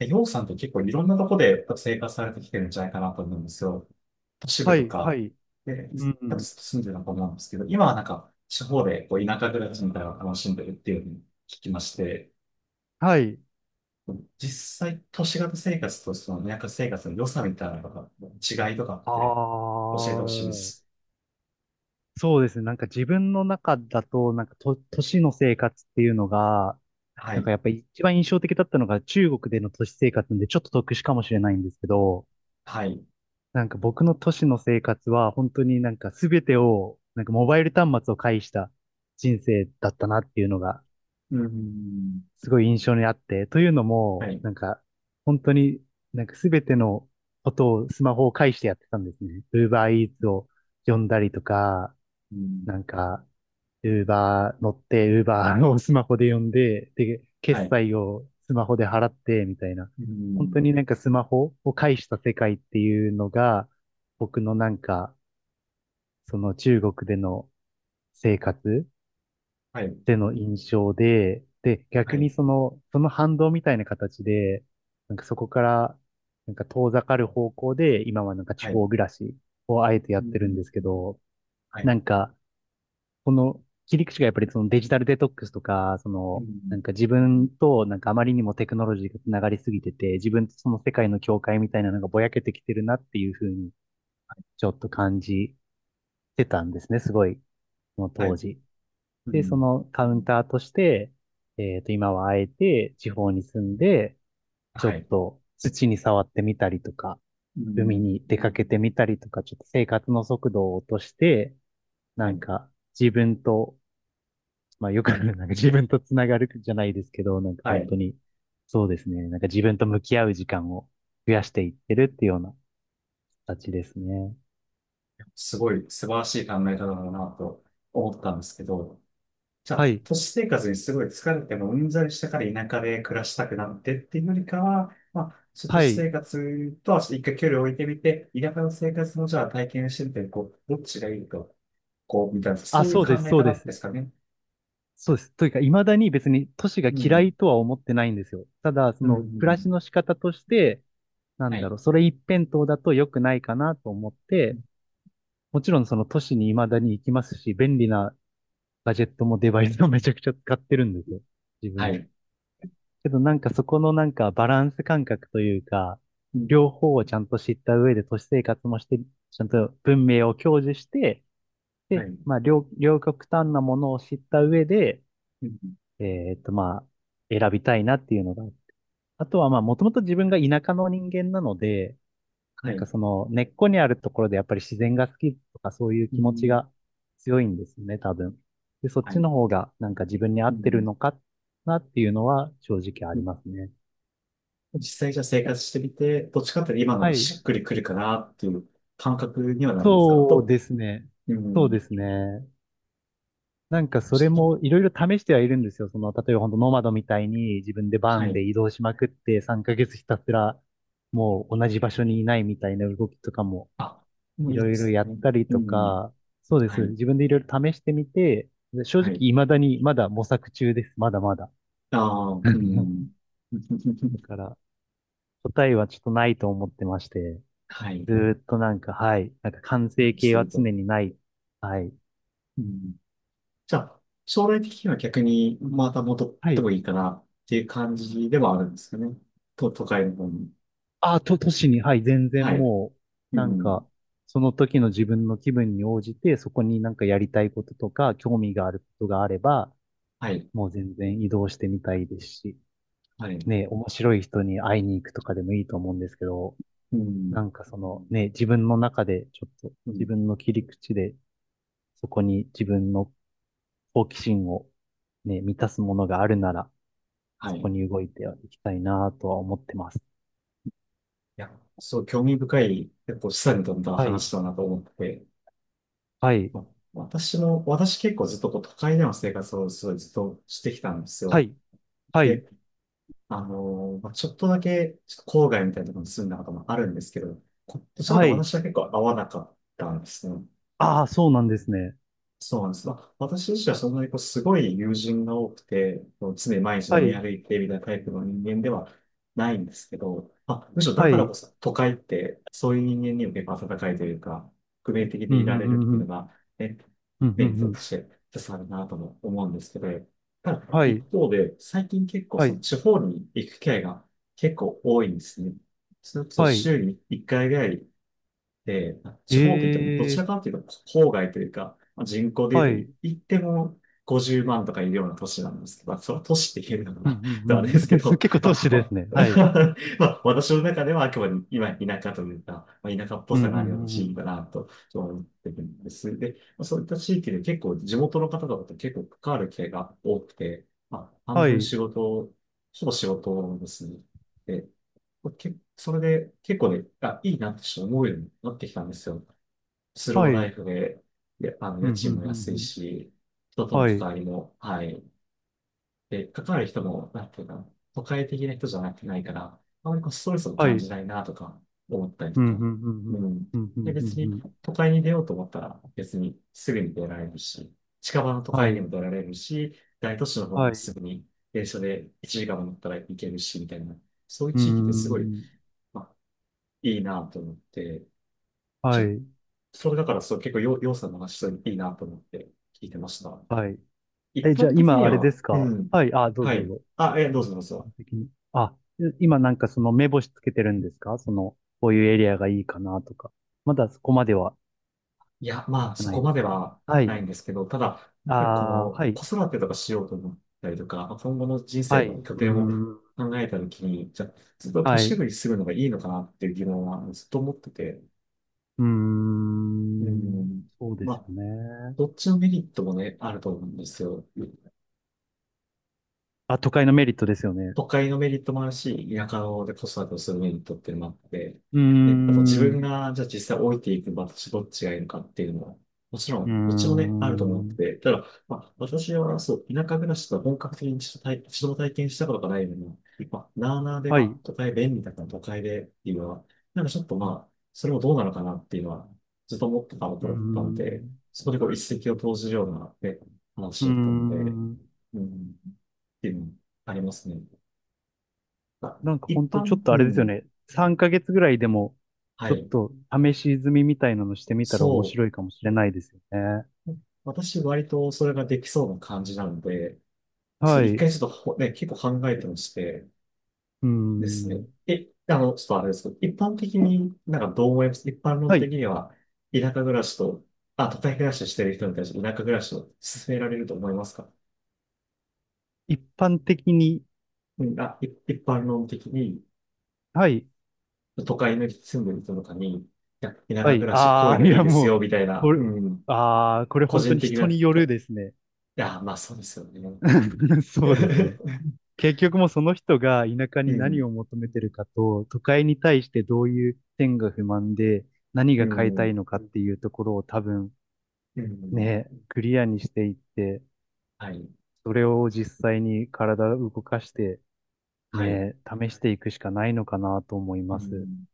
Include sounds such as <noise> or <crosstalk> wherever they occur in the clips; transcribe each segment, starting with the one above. ようさんと結構いろんなとこで生活されてきてるんじゃないかなと思うんですよ。都市部はとい、はか、い、で、う多分ん、住んでるのかと思うんですけど、今は地方でこう田舎暮らしみたいなのを楽しんでるっていうふうに聞きまして、はい。実際都市型生活とその田舎生活の良さみたいなのが違いとかっあてあ、教えてほしいです。そうですね。なんか自分の中だと、都市の生活っていうのが、はなんかい。やっぱり一番印象的だったのが中国での都市生活んでちょっと特殊かもしれないんですけど、はい。なんか僕の都市の生活は本当になんか全てを、なんかモバイル端末を介した人生だったなっていうのがうーん。すごい印象にあって、というのはも、い。なんか、本当になんかすべてのことをスマホを介してやってたんですね。Uber Eats を呼んだりとか、うん。なんか、Uber 乗って、Uber をスマホで呼んで、で、は決い。済をスマホで払って、みたいな。う本ん。当になんかスマホを介した世界っていうのが、僕のなんか、その中国での生活はい。ての印象で、で、は逆い。にその、その反動みたいな形で、なんかそこから、なんか遠ざかる方向で、今はなんか地はい。方暮らしをあえてやうってるんん。ですけど、はい。なんか、この切り口がやっぱりそのデジタルデトックスとか、そうの、なん。んか自分となんかあまりにもテクノロジーがつながりすぎてて、自分とその世界の境界みたいなのがぼやけてきてるなっていうふうに、ちょっと感じてたんですね、すごい、そのは当い。時。うで、そん。のカウンターとして、今はあえて地方に住んで、ちょはっい。と土に触ってみたりとか、う海ん。に出かけてみたりとか、ちょっと生活の速度を落として、はなんい。か自分と、まあよくある、なんか自分とつながるじゃないですけど、なんかは本い。当に、そうですね。なんか自分と向き合う時間を増やしていってるっていうような形ですね。すごい素晴らしい考え方だなと思ったんですけど、じゃはあ、い。都市生活にすごい疲れてもうんざりしたから田舎で暮らしたくなってっていうよりかは、まあ、ちょっと都は市い。生活とは一回距離を置いてみて、田舎の生活もじゃあ体験してみて、こう、どっちがいいと、こう、みたいな、あ、そういうそう考です、えそう方でです。すかね。そうです。というか、未だに別に都市がう嫌ん。いとは思ってないんですよ。ただ、そうの暮らん。しの仕方として、なはんだろい。う、それ一辺倒だと良くないかなと思って、もちろんその都市に未だに行きますし、便利なガジェットもデバイスもめちゃくちゃ使ってるんですよ。自は分。い。けどなんかそこのなんかバランス感覚というか、うん。両方をちゃんと知った上で都市生活もして、ちゃんと文明を享受して、はで、い。まあ両極端なものを知った上で、うん。まあ、選びたいなっていうのが。あとは、まあ、もともと自分が田舎の人間なので、はなんかい。その根っこにあるところでやっぱり自然が好きとかそういうう気持ちん。が強いんですよね、多分。で、そっはちい。の方がなんか自分に合うってるん。のかなっていうのは正直ありますね。実際じゃあ生活してみて、どっちかっていうと今のはがい。しっくりくるかなっていう感覚にはなるんですかあそうと、ですね。うそうん、ですね。なんかそれちょっと、もいろいろ試してはいるんですよ。その、例えば本当ノマドみたいに自分でバはンでい。移動しまくって3ヶ月ひたすらもう同じ場所にいないみたいな動きとかもあ、もういいいろでいろすやっね。たりうとん、か、そうです。はい、自分でいろいろ試してみて、正は直い。未だにまだ模索中です。まだまだ。ああ、うん。<laughs> だ <laughs> から答えはちょっとないと思ってまして、はい、ずーっとなんか、はい、なんか完成し形てはると。常にない。はい。うん、じゃあ、将来的には逆にまた戻っはてい。もいいかなっていう感じではあるんですかね。と、都会の方に。あ、と、都市に、はい、全は然い、もう、うなんん、か、その時の自分の気分に応じて、そこになんかやりたいこととか、興味があることがあれば、はい、もう全然移動してみたいですし、はい、ね、面白い人に会いに行くとかでもいいと思うんですけど、うん、なんかそのね、自分の中でちょっと、う自ん、分の切り口で、そこに自分の好奇心をね、満たすものがあるなら、はそこい。に動いていきたいなとは思ってます。や、そう、興味深い、結構示唆に富んだはい、話だなと思ってて、はい、ま、私も、私結構ずっとこう都会での生活をすごいずっとしてきたんですはよ。い、はい、で、まあ、ちょっとだけ、ちょっと郊外みたいなところに住んだこともあるんですけど、こどちらかはというとい。私は結構合わなかったんですね。ああ、そうなんですね。そうなんです。まあ、私自身はそんなにこうすごい友人が多くて、こう常に毎日飲はみい、歩いてみたいなタイプの人間ではないんですけど、まあ、むしろだはからい。こそ都会ってそういう人間にも結構温かいというか、革命的うでん、いうられるってん、いううのん、が、ね、うん、メうん、うリッんうトとん。して一つあるなとも思うんですけど、ただは一い、方で最近結構はそのい、地方に行く機会が結構多いんですね。それこそはい。週に1回ぐらいで、え地方とい言ってもどちえ、らかというと郊外というか、まあ人口では言うい。うとん、言っても50万とかいるような都市なんですけど、まあそれは都市って言えるのかうな <laughs> とあれん、うでん。すけ <laughs> ど、結構ま都あ、市でわ すね。はい。<laughs> まあ、私の中ではあくまで今田舎というか、まあ、田舎っぽうん、うさん、があるようなうん。地うん域だなと思ってるんです。で、まあそういった地域で結構地元の方々と結構関わる機会が多くて、まあ、半は分い、仕事、ほぼ仕事ですね。で、け、それで結構ね、あ、いいなってちょっと思うようになってきたんですよ。スはローい。うライん、フで、で、あの、うん、家うん、賃もう安いん。し、人とのは関い、わりも、はい。で、関わる人も、なんていうか、都会的な人じゃなくてないから、あまりこうストレスをは感じい。ないなとか思ったりうとん、か。うん、うん、ううん。ん。うん、うで、ん、う別ん、うにん。都会に出ようと思ったら、別にすぐに出られるし、近場の都は会にい、も出られるし、大都市の方にはもい。すぐに電車で1時間も乗ったら行けるし、みたいな。そういううー地域ってすごい、ん。まあ、いいなと思って、ちはょっと、い、それだからそう、結構よ、ようさんの話、そういいなと思って聞いてました。はい。一え、じゃ般あ的今にあれでは、すうか、ん。はい、あ、どうはぞどうい。ぞ。あ、え、どうぞどうぞ。完璧に。あ、今なんかその目星つけてるんですか、その、こういうエリアがいいかなとか。まだそこまではいや、まあ、じゃそないこでますでか。ははないい。んですけど、ただ、やあっぱりこあ、の、はい。子育てとかしようと思ったりとか、まあ今後の人生はい。のう拠ー点をん。考えたときに、じゃあ、ずっと都はい。市部うに住むのがいいのかなっていう疑問はずっと思ってて、ーうん。ん。そうでますあ、よね。どっちのメリットもね、あると思うんですよ。あ、都会のメリットですよね。都会のメリットもあるし、田舎で子育てをするメリットっていうのもあって、うーね、あと自ん。分うが、じゃあ実際置いていく場所どっちがいいのかっていうのも、もちろーん、どっちもね、あると思ってん。て、ただ、まあ、私はそう、田舎暮らしとか本格的に一度体、一度も体験したことがないのに、まあ、なあなあで、はまい。あ、う都会便利だから都会でっていうのは、ちょっとまあ、それもどうなのかなっていうのは、ずっと思ってたとーころだったんで、ん。そこでこう一石を投じるような、ね、うー話だったので、ん。うん、っていうのもありますね。まあなんか一ほんと般、ちょっとあうれですよん。ね。3ヶ月ぐらいでも、はちょっい。と試し済みみたいなのしてみたら面そ白いかもしれないですよね。う。私、割とそれができそうな感じなので、そはう、一い。回うちょっとほね、結構考えてまして、ーですね。ん。え、あの、ちょっとあれですけど、一般的にどう思います一般論は的い。には、田舎暮らしと、あ、都会暮らししてる人に対して田舎暮らしを勧められると思いますか。一般的に、うん、あ、い一般論的に、はい。都会の住んでる人とかに、いや、田は舎暮い。らし、こういあうあ、いのいいやですもよ、う、みたいな、これ、うん、ああ、これ個本当人に的人な、によたるいですね。や、まあそうですよね。<laughs> そうですね。<laughs> 結局もうその人が田舎うに何ん、を求めてるかと、都会に対してどういう点が不満で、何うが変えたん、いのかっていうところを多分うん。ね、クリアにしていって、はい、それを実際に体を動かして、はい。ね、試していくしかないのかなと思いうます。ん。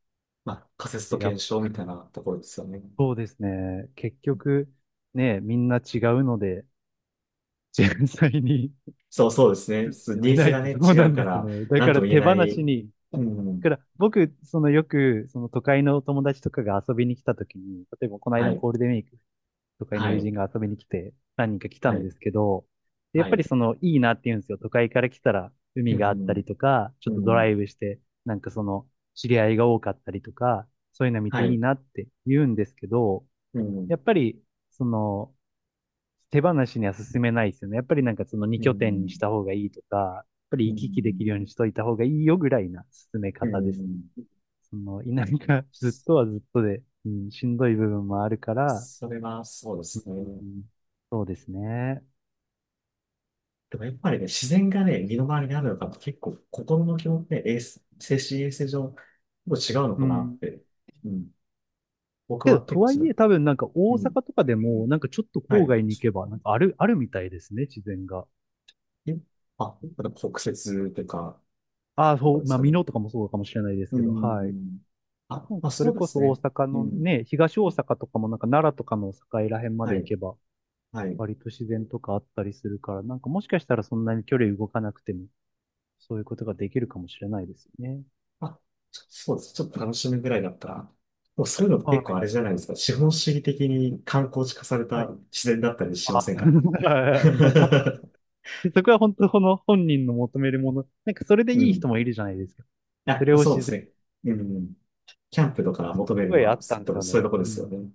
まあ、仮説とで、やっ検証みたいなところですよね。そうですね。結局、ね、みんな違うので、実際に そう、そうですね。<laughs> そうニ見ーなズいがとね、そう違なうんかですら、ね。だなんかとらも言え手な放しい。に、うん。だから僕、そのよく、その都会の友達とかが遊びに来た時に、例えばこのは間もい、ゴールデンウィーク都会のは友い、人が遊びに来て、何人か来たはんい、ですけど、でやはっぱりい。その、いいなって言うんですよ。都会から来たら、う海があったん、りとか、ちうょっとドラん、イブして、なんかその、知り合いが多かったりとか、そういうの見てはいいい、なって言うんですけど、うやん、っぱり、その、手放しには進めないですよね。やっぱりなんかその2う拠点にしん、た方がいいとか、やっぱりう行き来でん、きるようにしといた方がいいよぐらいな進めう方ですね。ん。その、田舎 <laughs> ずっとはずっとで、うん、しんどい部分もあるから、それはそうですうね。んそうですね。でもやっぱりね、自然がね、身の回りにあるのかと結構心の気持ちね、衛生精神衛生上、結構違うのうかなっん。て。うん。僕けど、は結と構はすいえ、る。多分なんかう大ん。阪とかでも、なんかちょっとは郊い。外に行けば、なんかあるみたいですね、自然が。え、あ、だから北節とか、ああ、そそうう、ですまあ、か美ね。濃とかもそうかもしれないですうけど、はい。ん。あ、なんまあかそそれうでこすそ大ね。阪うのん。ね、東大阪とかもなんか奈良とかの境ら辺まはで行い。けば、はい。割と自然とかあったりするから、なんかもしかしたらそんなに距離動かなくても、そういうことができるかもしれないですよね。あ、ちょそうです。ちょっと楽しむぐらいだったら。もうそういうのって結は構あれい。じゃないですか。資本主義的に観光地化されはたい。自然だったりしまあ、せんか。 <laughs> <laughs> まあ、かもしれないでそこは本当この本人の求めるもの。なんかそれでういい人ん。もいるじゃないですか。そあ、れをそうで自然、すね。うん。キャンプとなんかかそれ求めするごのいあは、ったすんですよそういね。うとこでうすよん。ね。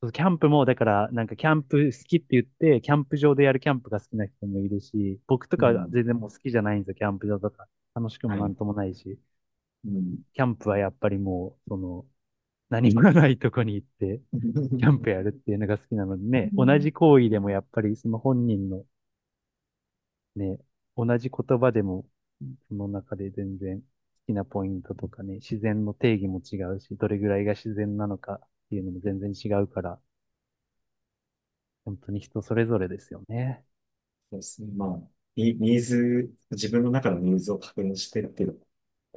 そうキャンプも、だから、なんかキャンプ好きって言って、キャンプ場でやるキャンプが好きな人もいるし、僕とうかはん。全然もう好きじゃないんですよ、キャンプ場とか。楽しくはもない。んともないし、うん。キャンプはやっぱりもう、その、何もないとこに行って、キャンプ <laughs> やるっていうのが好きなのでうね、同ん、じ行為でもやっぱりその本人のね、同じ言葉でも、その中で全然好きなポイントとかね、自然の定義も違うし、どれぐらいが自然なのかっていうのも全然違うから、本当に人それぞれですよね。そうですね。まあ、ニニーズ、自分の中のニーズを確認してっていうのが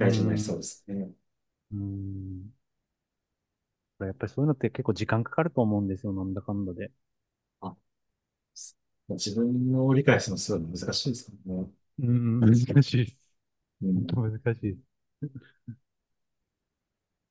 うー事になりそうでん。すね。うーん。やっぱりそういうのって結構時間かかると思うんですよ、なんだかんだで。あ、す自分を理解するのすごい難しいですからね。うーん、難しいです。う本当ん。難しいです。